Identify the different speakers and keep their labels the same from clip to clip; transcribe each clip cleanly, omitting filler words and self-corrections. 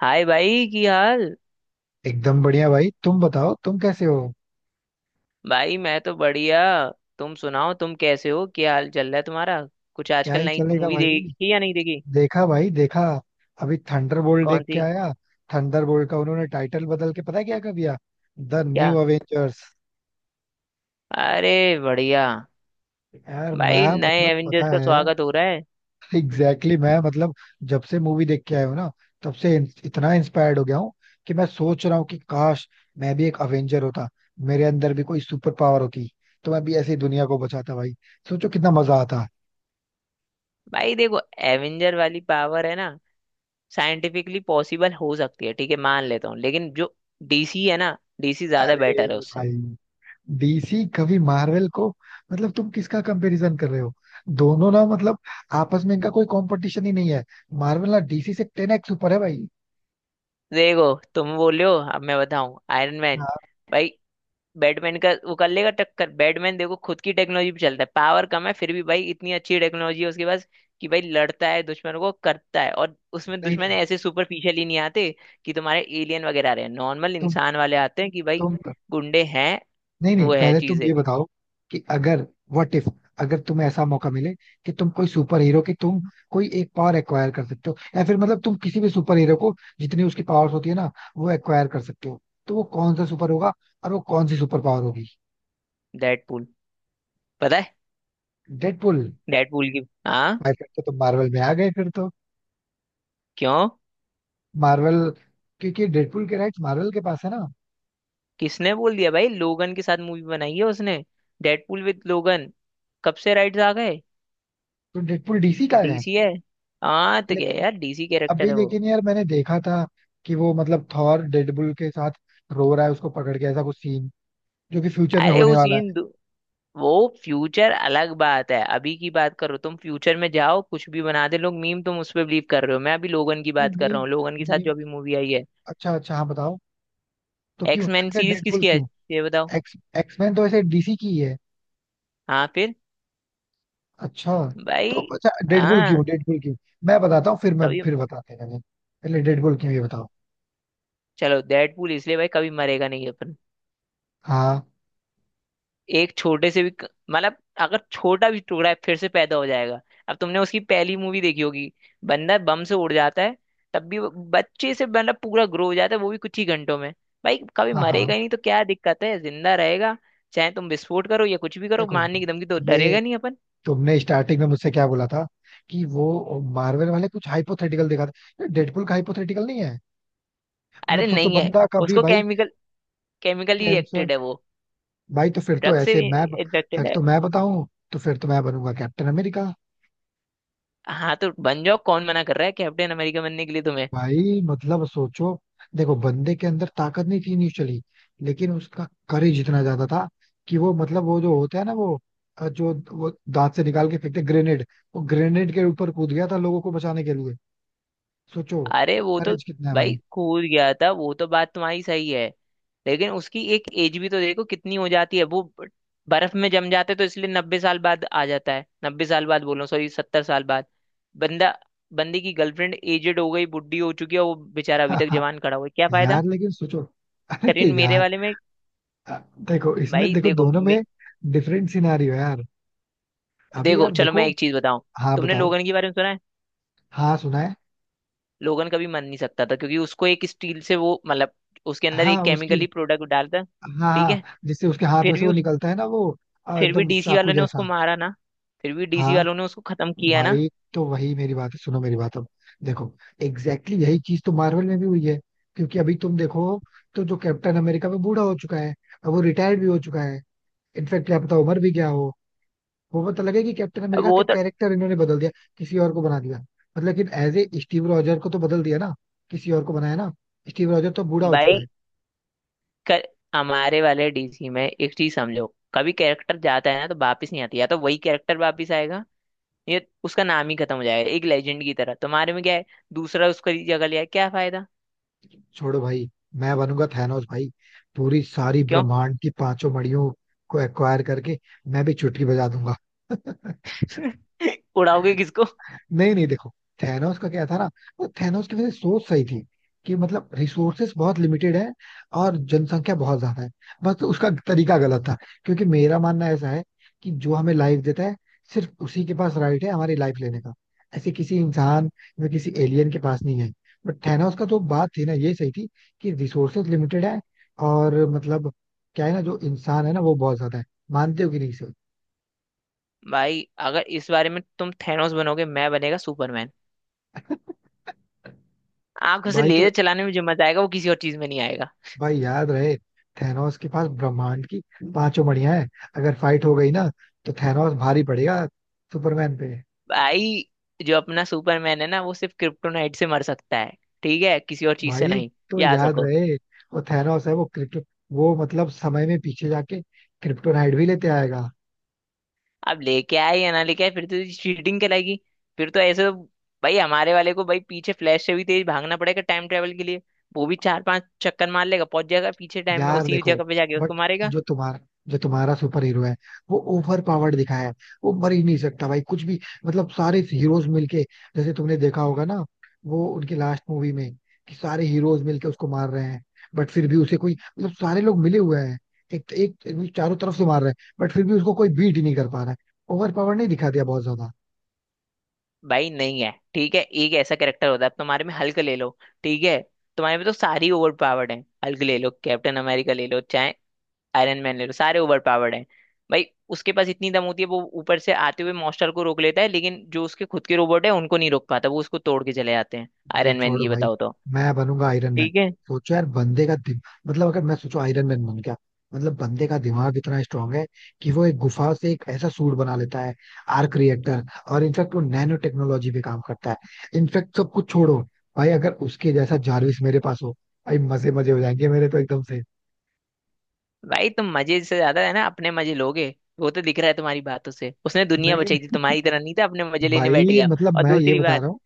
Speaker 1: हाय भाई की हाल।
Speaker 2: एकदम बढ़िया भाई। तुम बताओ तुम कैसे हो?
Speaker 1: भाई मैं तो बढ़िया। तुम सुनाओ, तुम कैसे हो? क्या हाल चल रहा है तुम्हारा? कुछ
Speaker 2: क्या
Speaker 1: आजकल
Speaker 2: ही
Speaker 1: नई
Speaker 2: चलेगा
Speaker 1: मूवी
Speaker 2: भाई।
Speaker 1: देखी या नहीं देखी?
Speaker 2: देखा भाई देखा। अभी थंडरबोल्ट
Speaker 1: कौन
Speaker 2: देख के
Speaker 1: सी?
Speaker 2: आया। थंडरबोल्ट का उन्होंने टाइटल बदल के पता है क्या कर दिया? द न्यू
Speaker 1: क्या?
Speaker 2: अवेंजर्स।
Speaker 1: अरे, बढ़िया।
Speaker 2: यार
Speaker 1: भाई
Speaker 2: मैं
Speaker 1: नए
Speaker 2: मतलब
Speaker 1: एवेंजर्स
Speaker 2: पता
Speaker 1: का
Speaker 2: है।
Speaker 1: स्वागत हो रहा है।
Speaker 2: मैं मतलब जब से मूवी देख के आया हूँ ना, तब से इतना इंस्पायर्ड हो गया हूँ कि मैं सोच रहा हूँ कि काश मैं भी एक अवेंजर होता। मेरे अंदर भी कोई सुपर पावर होती तो मैं भी ऐसी दुनिया को बचाता भाई। सोचो कितना मजा आता।
Speaker 1: भाई देखो, एवेंजर वाली पावर है ना, साइंटिफिकली पॉसिबल हो सकती है, ठीक है, मान लेता हूँ, लेकिन जो डीसी है ना, डीसी ज्यादा
Speaker 2: अरे
Speaker 1: बेटर है उससे।
Speaker 2: भाई, डीसी कभी मार्वल को, मतलब तुम किसका कंपैरिजन कर रहे हो? दोनों ना मतलब आपस में इनका कोई कंपटीशन ही नहीं है। मार्वल ना डीसी से 10X ऊपर है भाई।
Speaker 1: देखो, तुम बोल रहे हो, अब मैं बताऊं। आयरन मैन,
Speaker 2: हाँ।
Speaker 1: भाई, बैटमैन का वो कर लेगा टक्कर। बैटमैन देखो खुद की टेक्नोलॉजी पे चलता है, पावर कम है फिर भी भाई इतनी अच्छी टेक्नोलॉजी है उसके पास कि भाई लड़ता है दुश्मन को, करता है, और उसमें
Speaker 2: नहीं
Speaker 1: दुश्मन
Speaker 2: नहीं।
Speaker 1: ऐसे सुपरफिशियल ही नहीं आते कि तुम्हारे एलियन वगैरह आ रहे हैं। नॉर्मल
Speaker 2: तुम
Speaker 1: इंसान वाले आते हैं कि भाई
Speaker 2: तुम
Speaker 1: गुंडे हैं,
Speaker 2: नहीं
Speaker 1: वो
Speaker 2: नहीं,
Speaker 1: है
Speaker 2: पहले तुम
Speaker 1: चीजें।
Speaker 2: ये बताओ कि अगर, व्हाट इफ, अगर तुम्हें ऐसा मौका मिले कि तुम कोई सुपर हीरो की, तुम कोई एक पावर एक्वायर कर सकते हो, या फिर मतलब तुम किसी भी सुपर हीरो को जितनी उसकी पावर्स होती है ना, वो एक्वायर कर सकते हो, तो वो कौन सा सुपर होगा और वो कौन सी सुपर पावर होगी?
Speaker 1: डेडपूल, पता है।
Speaker 2: डेडपुल।
Speaker 1: डेडपूल की, हाँ।
Speaker 2: भाई फिर तो तुम मार्वल में आ गए फिर तो।
Speaker 1: क्यों?
Speaker 2: मार्वल, क्योंकि डेडपुल के राइट्स मार्वल के पास है ना।
Speaker 1: किसने बोल दिया भाई, लोगन के साथ मूवी बनाई है उसने। डेडपूल विद लोगन, कब से राइट्स आ गए?
Speaker 2: तो डेडपुल डीसी का है?
Speaker 1: डीसी है। हाँ तो क्या
Speaker 2: लेकिन,
Speaker 1: यार, डीसी कैरेक्टर
Speaker 2: अभी
Speaker 1: है वो।
Speaker 2: लेकिन यार मैंने देखा था कि वो मतलब थॉर डेडपुल के साथ रो रहा है, उसको पकड़ के, ऐसा कुछ सीन जो कि फ्यूचर में
Speaker 1: अरे
Speaker 2: होने
Speaker 1: उस
Speaker 2: वाला
Speaker 1: इन दु- वो। फ्यूचर अलग बात है, अभी की बात करो। तुम फ्यूचर में जाओ, कुछ भी बना दे लोग मीम तुम उस पर बिलीव कर रहे हो। मैं अभी लोगन की
Speaker 2: है।
Speaker 1: बात कर रहा
Speaker 2: मीम।
Speaker 1: हूँ, लोगन के साथ
Speaker 2: मीम।
Speaker 1: जो अभी मूवी आई है।
Speaker 2: अच्छा अच्छा, हाँ बताओ। तो क्यों,
Speaker 1: एक्समैन
Speaker 2: अच्छा
Speaker 1: सीरीज
Speaker 2: डेडपुल
Speaker 1: किसकी है,
Speaker 2: क्यों?
Speaker 1: ये बताओ।
Speaker 2: एक्स, एक्समैन तो ऐसे डीसी की ही है।
Speaker 1: हाँ फिर।
Speaker 2: अच्छा। तो
Speaker 1: भाई।
Speaker 2: अच्छा डेडपुल
Speaker 1: हाँ।
Speaker 2: क्यों? डेडपुल क्यों? मैं बताता हूँ, फिर मैं
Speaker 1: कभी,
Speaker 2: फिर बताते हैं, पहले डेडपुल क्यों ये बताओ।
Speaker 1: चलो, डेडपूल इसलिए भाई कभी मरेगा नहीं अपन।
Speaker 2: हाँ
Speaker 1: एक छोटे से भी क- मतलब अगर छोटा भी टुकड़ा है फिर से पैदा हो जाएगा। अब तुमने उसकी पहली मूवी देखी होगी, बंदा बम से उड़ जाता है, तब भी वो बच्चे से मतलब पूरा ग्रो हो जाता है वो भी कुछ ही घंटों में। भाई कभी
Speaker 2: हाँ।
Speaker 1: मरेगा
Speaker 2: हाँ
Speaker 1: ही नहीं तो क्या दिक्कत है, जिंदा रहेगा। चाहे तुम विस्फोट करो या कुछ भी करो,
Speaker 2: देखो
Speaker 1: मारने की धमकी तो
Speaker 2: ये,
Speaker 1: डरेगा नहीं अपन।
Speaker 2: तुमने स्टार्टिंग में मुझसे क्या बोला था कि वो मार्वल वाले कुछ हाइपोथेटिकल दिखाते? डेडपुल का हाइपोथेटिकल नहीं है। मतलब
Speaker 1: अरे
Speaker 2: सोचो
Speaker 1: नहीं है।
Speaker 2: बंदा कभी,
Speaker 1: उसको
Speaker 2: भाई
Speaker 1: केमिकली
Speaker 2: कैंसर।
Speaker 1: रिएक्टेड है वो,
Speaker 2: भाई तो फिर तो
Speaker 1: ड्रग से
Speaker 2: ऐसे मैं
Speaker 1: इन्फेक्टेड
Speaker 2: फिर
Speaker 1: है।
Speaker 2: तो मैं बताऊं, तो फिर तो मैं बनूंगा कैप्टन अमेरिका।
Speaker 1: हाँ तो बन जाओ, कौन मना कर रहा है कैप्टन अमेरिका बनने के लिए।
Speaker 2: भाई मतलब सोचो, देखो बंदे के अंदर ताकत नहीं थी इनिशियली, लेकिन उसका करेज इतना ज्यादा था कि वो, मतलब वो जो होता है ना वो, जो वो दांत से निकाल के फेंकते ग्रेनेड, वो ग्रेनेड के ऊपर कूद गया था लोगों को बचाने के लिए। सोचो
Speaker 1: अरे वो तो,
Speaker 2: करेज कितना है
Speaker 1: भाई
Speaker 2: भाई।
Speaker 1: कूद गया था वो तो, बात तुम्हारी सही है। लेकिन उसकी एक एज भी तो देखो कितनी हो जाती है। वो बर्फ में जम जाते तो इसलिए 90 साल बाद आ जाता है। 90 साल बाद बोलो, सॉरी 70 साल बाद। बंदा, बंदे की गर्लफ्रेंड एजेड हो गई, बुढ़ी हो चुकी है, वो बेचारा अभी तक जवान खड़ा हुआ है, क्या फायदा।
Speaker 2: यार लेकिन सोचो, अरे
Speaker 1: करीन मेरे
Speaker 2: यार,
Speaker 1: वाले में।
Speaker 2: अ, देखो इसमें,
Speaker 1: भाई
Speaker 2: देखो
Speaker 1: देखो
Speaker 2: दोनों में डिफरेंट सिनारियो यार। अभी
Speaker 1: देखो,
Speaker 2: यार
Speaker 1: चलो मैं
Speaker 2: देखो।
Speaker 1: एक चीज बताऊं।
Speaker 2: हाँ
Speaker 1: तुमने
Speaker 2: बताओ।
Speaker 1: लोगन के बारे में सुना है?
Speaker 2: हाँ सुना है।
Speaker 1: लोगन कभी मर नहीं सकता था क्योंकि उसको एक स्टील से वो मतलब उसके अंदर
Speaker 2: हाँ
Speaker 1: एक
Speaker 2: उसकी,
Speaker 1: केमिकली प्रोडक्ट डालता।
Speaker 2: हाँ
Speaker 1: ठीक है,
Speaker 2: हाँ, जिससे उसके हाथ में
Speaker 1: फिर
Speaker 2: से
Speaker 1: भी
Speaker 2: वो
Speaker 1: उस,
Speaker 2: निकलता है ना वो,
Speaker 1: फिर भी
Speaker 2: एकदम
Speaker 1: डीसी
Speaker 2: चाकू
Speaker 1: वालों ने उसको
Speaker 2: जैसा।
Speaker 1: मारा ना। फिर भी डीसी
Speaker 2: हाँ।
Speaker 1: वालों ने उसको खत्म किया ना।
Speaker 2: भाई तो वही मेरी बात है, सुनो मेरी बात अब। देखो, एग्जैक्टली exactly यही चीज तो मार्वल में भी हुई है, क्योंकि अभी तुम देखो तो जो कैप्टन अमेरिका में बूढ़ा हो चुका है और वो रिटायर्ड भी हो चुका है। इनफैक्ट क्या पता उम्र भी क्या हो, वो पता लगे कि कैप्टन
Speaker 1: अब
Speaker 2: अमेरिका
Speaker 1: वो
Speaker 2: के
Speaker 1: तो,
Speaker 2: कैरेक्टर इन्होंने बदल दिया, किसी और को बना दिया, मतलब लेकिन एज ए स्टीव रॉजर को तो बदल दिया ना, किसी और को बनाया ना। स्टीव रॉजर तो बूढ़ा हो चुका
Speaker 1: भाई
Speaker 2: है।
Speaker 1: कर, हमारे वाले डीसी में एक चीज समझो, कभी कैरेक्टर जाता है ना तो वापस नहीं आती। या तो वही कैरेक्टर वापस आएगा, ये उसका नाम ही खत्म हो जाएगा एक लेजेंड की तरह। तुम्हारे में क्या है, दूसरा उसकी जगह लिया, क्या फायदा।
Speaker 2: छोड़ो भाई, मैं बनूंगा थैनोस भाई, पूरी सारी
Speaker 1: क्यों?
Speaker 2: ब्रह्मांड की पांचों मड़ियों को एक्वायर करके मैं भी चुटकी बजा दूंगा।
Speaker 1: उड़ाओगे किसको?
Speaker 2: नहीं नहीं, देखो थैनोस का क्या था ना, वो थैनोस की वैसे सोच सही थी कि मतलब रिसोर्सेस बहुत लिमिटेड है और जनसंख्या बहुत ज्यादा है, बस उसका तरीका गलत था। क्योंकि मेरा मानना ऐसा है कि जो हमें लाइफ देता है सिर्फ उसी के पास राइट है हमारी लाइफ लेने का, ऐसे किसी इंसान या किसी एलियन के पास नहीं है। बट थैनोस का जो बात थी ना ये सही थी कि रिसोर्सेस लिमिटेड है और मतलब, क्या है ना, जो इंसान है ना वो बहुत ज्यादा है। मानते हो कि नहीं सर?
Speaker 1: भाई अगर इस बारे में तुम थैनोस बनोगे, मैं बनेगा सुपरमैन। आंखों से
Speaker 2: भाई तो,
Speaker 1: लेजर चलाने में जो मजा आएगा वो किसी और चीज में नहीं आएगा।
Speaker 2: भाई याद रहे थैनोस के पास ब्रह्मांड की पांचों मणियां हैं। अगर फाइट हो गई ना तो थैनोस भारी पड़ेगा सुपरमैन पे।
Speaker 1: भाई जो अपना सुपरमैन है ना, वो सिर्फ क्रिप्टोनाइट से मर सकता है। ठीक है, किसी और चीज से
Speaker 2: भाई
Speaker 1: नहीं।
Speaker 2: तो
Speaker 1: याद
Speaker 2: याद
Speaker 1: रखो।
Speaker 2: रहे, वो थैनोस है, वो मतलब समय में पीछे जाके क्रिप्टोनाइट भी लेते आएगा।
Speaker 1: अब लेके आए या ना लेके आए, फिर तो चीटिंग कहलाएगी। फिर तो ऐसे तो, भाई हमारे वाले को भाई पीछे फ्लैश से भी तेज भागना पड़ेगा टाइम ट्रेवल के लिए। वो भी चार पांच चक्कर मार लेगा, पहुंच जाएगा पीछे टाइम में
Speaker 2: यार
Speaker 1: उसी
Speaker 2: देखो,
Speaker 1: जगह पे, जाके
Speaker 2: बट
Speaker 1: उसको मारेगा।
Speaker 2: जो तुम्हारा जो तुम्हारा सुपर हीरो है वो ओवर पावर्ड दिखाया है, वो मर ही नहीं सकता भाई कुछ भी। मतलब सारे हीरोज मिलके, जैसे तुमने देखा होगा ना वो उनकी लास्ट मूवी में, कि सारे हीरोज मिलके उसको मार रहे हैं, बट फिर भी उसे कोई, मतलब सारे लोग मिले हुए हैं, एक एक, एक चारों तरफ से मार रहे हैं बट फिर भी उसको कोई बीट ही नहीं कर पा रहा है। ओवर पावर नहीं दिखा दिया बहुत ज्यादा?
Speaker 1: भाई नहीं है, ठीक है, एक ऐसा कैरेक्टर होता है। अब तुम्हारे में हल्क ले लो, ठीक है, तुम्हारे में तो सारी ओवर पावर्ड है। हल्क ले लो, कैप्टन अमेरिका ले लो, चाहे आयरन मैन ले लो, सारे ओवर पावर्ड हैं। भाई उसके पास इतनी दम होती है वो ऊपर से आते हुए मॉन्स्टर को रोक लेता है, लेकिन जो उसके खुद के रोबोट है उनको नहीं रोक पाता, वो उसको तोड़ के चले जाते हैं।
Speaker 2: भाई
Speaker 1: आयरन मैन,
Speaker 2: छोड़ो
Speaker 1: ये
Speaker 2: भाई,
Speaker 1: बताओ तो।
Speaker 2: मैं बनूंगा आयरन मैन।
Speaker 1: ठीक है,
Speaker 2: सोचो यार बंदे का मतलब अगर मैं, सोचो आयरन मैन बन गया, मतलब बंदे का दिमाग इतना स्ट्रांग है कि वो एक गुफा से एक ऐसा सूट बना लेता है, आर्क रिएक्टर, और इनफेक्ट वो नैनो टेक्नोलॉजी पे काम करता है। इनफेक्ट सब कुछ छोड़ो, भाई अगर उसके जैसा जारविस मेरे पास हो, भाई मजे मजे हो जाएंगे मेरे तो एकदम से।
Speaker 1: भाई तुम मजे से ज्यादा है ना अपने मजे लोगे। वो तो दिख रहा है तुम्हारी बातों से। उसने दुनिया
Speaker 2: नहीं
Speaker 1: बचाई थी,
Speaker 2: नहीं,
Speaker 1: तुम्हारी तरह नहीं था अपने मजे लेने बैठ
Speaker 2: भाई
Speaker 1: गया।
Speaker 2: मतलब
Speaker 1: और
Speaker 2: मैं ये
Speaker 1: दूसरी
Speaker 2: बता
Speaker 1: बात,
Speaker 2: रहा हूँ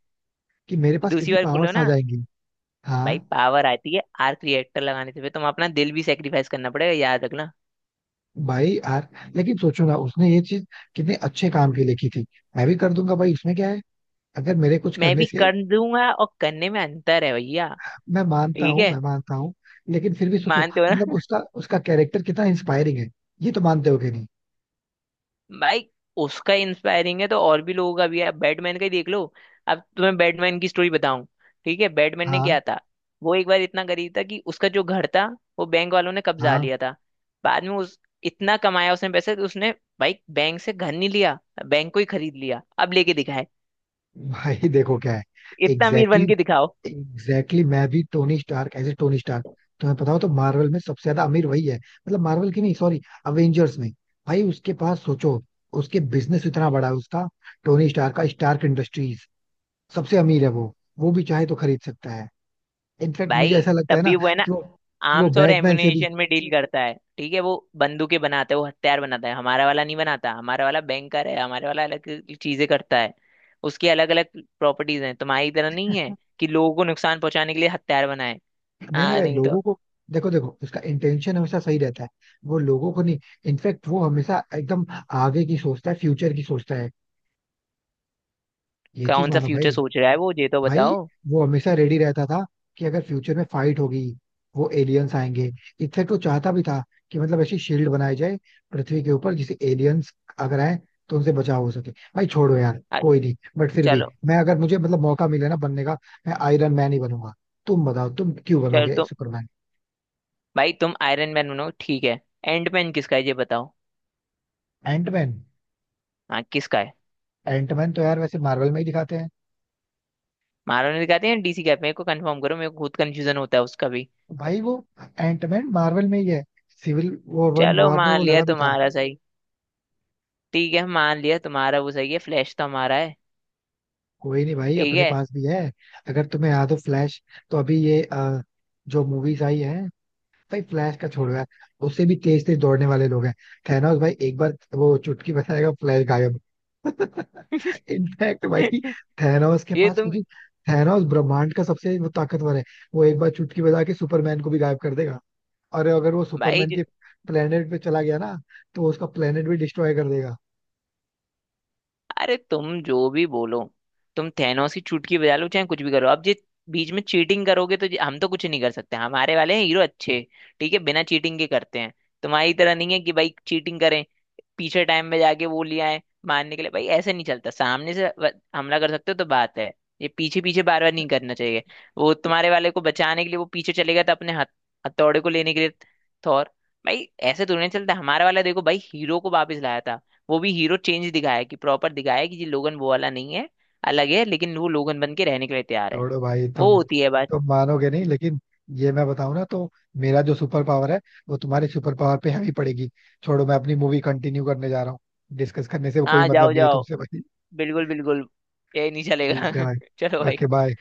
Speaker 2: कि मेरे पास
Speaker 1: दूसरी
Speaker 2: कितनी
Speaker 1: बात बोलो
Speaker 2: पावर्स आ
Speaker 1: ना।
Speaker 2: जाएंगी। हाँ।
Speaker 1: भाई पावर आती है आर्क रिएक्टर लगाने से, फिर तुम अपना दिल भी सेक्रीफाइस करना पड़ेगा, याद रखना।
Speaker 2: भाई यार लेकिन सोचो ना उसने ये चीज कितने अच्छे काम के लिए की थी, मैं भी कर दूंगा भाई इसमें क्या है, अगर मेरे कुछ
Speaker 1: मैं
Speaker 2: करने
Speaker 1: भी
Speaker 2: से।
Speaker 1: कर दूंगा और करने में अंतर है भैया।
Speaker 2: मैं मानता
Speaker 1: ठीक
Speaker 2: हूँ
Speaker 1: है।
Speaker 2: मैं मानता हूँ, लेकिन फिर भी सोचो,
Speaker 1: मानते हो
Speaker 2: मतलब
Speaker 1: ना?
Speaker 2: उसका उसका कैरेक्टर कितना इंस्पायरिंग है, ये तो मानते हो कि नहीं?
Speaker 1: भाई, उसका इंस्पायरिंग है तो और भी लोगों का भी है, बैटमैन का ही देख लो। अब तुम्हें बैटमैन की स्टोरी बताऊं? ठीक है, बैटमैन ने
Speaker 2: हाँ
Speaker 1: क्या था, वो एक बार इतना गरीब था कि उसका जो घर था वो बैंक वालों ने कब्जा
Speaker 2: हाँ।
Speaker 1: लिया था। बाद में उस इतना कमाया उसने पैसे, तो उसने भाई बैंक से घर नहीं लिया, बैंक को ही खरीद लिया। अब लेके दिखाए,
Speaker 2: भाई देखो क्या है,
Speaker 1: इतना अमीर
Speaker 2: एग्जैक्टली
Speaker 1: बन के
Speaker 2: exactly,
Speaker 1: दिखाओ।
Speaker 2: एग्जैक्टली exactly मैं भी Tony Stark, as a Tony Stark, तुम्हें पता हो तो मार्वल में सबसे ज्यादा अमीर वही है, मतलब मार्वल की नहीं सॉरी, अवेंजर्स में। भाई उसके पास सोचो उसके बिजनेस इतना बड़ा है, उसका टोनी स्टार का स्टार्क इंडस्ट्रीज, सबसे अमीर है वो। वो भी चाहे तो खरीद सकता है। इनफैक्ट मुझे
Speaker 1: भाई
Speaker 2: ऐसा लगता
Speaker 1: तब
Speaker 2: है ना
Speaker 1: भी वो है ना,
Speaker 2: कि वो कि वो
Speaker 1: आर्म्स और
Speaker 2: बैटमैन से भी।
Speaker 1: एम्युनिशन में डील करता है, ठीक है, वो बंदूकें बनाता है, वो हथियार बनाता है, हमारा वाला नहीं बनाता। हमारा वाला बैंकर है, हमारे वाला अलग चीजें करता है। उसकी अलग अलग प्रॉपर्टीज हैं, तुम्हारी तरह नहीं है कि लोगों को नुकसान पहुंचाने के लिए हथियार बनाए।
Speaker 2: नहीं नहीं
Speaker 1: हाँ
Speaker 2: भाई
Speaker 1: नहीं तो।
Speaker 2: लोगों को, देखो देखो उसका इंटेंशन हमेशा सही रहता है, वो लोगों को नहीं, इनफैक्ट वो हमेशा एकदम आगे की सोचता है, फ्यूचर की सोचता है, ये चीज
Speaker 1: कौन सा
Speaker 2: मानो
Speaker 1: फ्यूचर
Speaker 2: भाई।
Speaker 1: सोच रहा है वो, ये तो
Speaker 2: भाई
Speaker 1: बताओ।
Speaker 2: वो हमेशा रेडी रहता था कि अगर फ्यूचर में फाइट होगी, वो एलियंस आएंगे, इनफैक्ट वो चाहता भी था कि मतलब ऐसी शील्ड बनाई जाए पृथ्वी के ऊपर, जिसे एलियंस अगर आए तो उनसे बचाव हो सके। भाई छोड़ो यार
Speaker 1: आ,
Speaker 2: कोई नहीं, बट फिर भी
Speaker 1: चलो।
Speaker 2: मैं, अगर मुझे मतलब मौका मिले ना बनने का, मैं आयरन मैन ही बनूंगा। तुम बताओ तुम क्यों
Speaker 1: चलो
Speaker 2: बनोगे
Speaker 1: तो,
Speaker 2: सुपरमैन?
Speaker 1: भाई तुम आयरन मैन बनो, ठीक है। एंड मैन किसका है, ये बताओ।
Speaker 2: एंटमैन।
Speaker 1: हाँ किसका है।
Speaker 2: एंटमैन तो यार वैसे मार्वल में ही दिखाते हैं।
Speaker 1: मारो ने दिखाते हैं डीसी कैप, मेरे को कंफर्म करो, मेरे को खुद कंफ्यूजन होता है उसका भी।
Speaker 2: भाई वो एंटमैन मार्वल में ही है, सिविल वॉर
Speaker 1: चलो
Speaker 2: वॉर में
Speaker 1: मान
Speaker 2: वो
Speaker 1: लिया
Speaker 2: लड़ा भी था।
Speaker 1: तुम्हारा सही, ठीक है, मान लिया तुम्हारा वो सही है। फ्लैश तो हमारा है।
Speaker 2: कोई नहीं भाई
Speaker 1: ठीक
Speaker 2: अपने
Speaker 1: है।
Speaker 2: पास भी है। अगर तुम्हें याद हो फ्लैश, तो अभी जो मूवीज आई है, भाई फ्लैश का छोड़ो यार, उससे भी तेज तेज दौड़ने वाले लोग हैं। थैनोस भाई एक बार वो चुटकी बजाएगा, फ्लैश गायब। इनफैक्ट भाई थैनोस के
Speaker 1: ये
Speaker 2: पास
Speaker 1: तुम,
Speaker 2: क्योंकि, थैनोस ब्रह्मांड का सबसे वो ताकतवर है, वो एक बार चुटकी बजा के सुपरमैन को भी गायब कर देगा, और अगर वो
Speaker 1: भाई
Speaker 2: सुपरमैन के प्लेनेट पे चला गया ना तो उसका प्लेनेट भी डिस्ट्रॉय कर देगा।
Speaker 1: अरे, तुम जो भी बोलो, तुम थैनोस की चुटकी बजा लो चाहे कुछ भी करो, अब ये बीच में चीटिंग करोगे तो हम तो कुछ नहीं कर सकते। हमारे वाले हैं हीरो अच्छे, ठीक है, बिना चीटिंग के करते हैं। तुम्हारी तरह नहीं है कि भाई चीटिंग करें, पीछे टाइम में जाके वो लिया है मारने के लिए। भाई ऐसे नहीं चलता, सामने से हमला कर सकते हो तो बात है। ये पीछे पीछे बार बार नहीं करना चाहिए। वो तुम्हारे वाले को बचाने के लिए वो पीछे चलेगा तो अपने हथ हथौड़े को लेने के लिए, थौर। भाई ऐसे तो नहीं चलता। हमारा वाला देखो भाई, हीरो को वापस लाया था, वो भी हीरो चेंज दिखाया है कि प्रॉपर दिखाया है कि ये लोगन वो वाला नहीं है, अलग है, लेकिन वो लोगन बन के रहने के लिए तैयार है।
Speaker 2: छोड़ो भाई
Speaker 1: वो
Speaker 2: तुम
Speaker 1: होती है बात।
Speaker 2: तुम मानोगे नहीं लेकिन, ये मैं बताऊं ना तो मेरा जो सुपर पावर है वो तुम्हारे सुपर पावर पे हैवी पड़ेगी। छोड़ो, मैं अपनी मूवी कंटिन्यू करने जा रहा हूँ, डिस्कस करने से कोई
Speaker 1: हाँ
Speaker 2: मतलब
Speaker 1: जाओ
Speaker 2: नहीं है
Speaker 1: जाओ,
Speaker 2: तुमसे भाई।
Speaker 1: बिल्कुल बिल्कुल, ये नहीं चलेगा।
Speaker 2: ठीक है
Speaker 1: चलो
Speaker 2: भाई,
Speaker 1: भाई।
Speaker 2: Okay bye.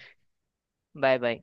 Speaker 1: Bye bye.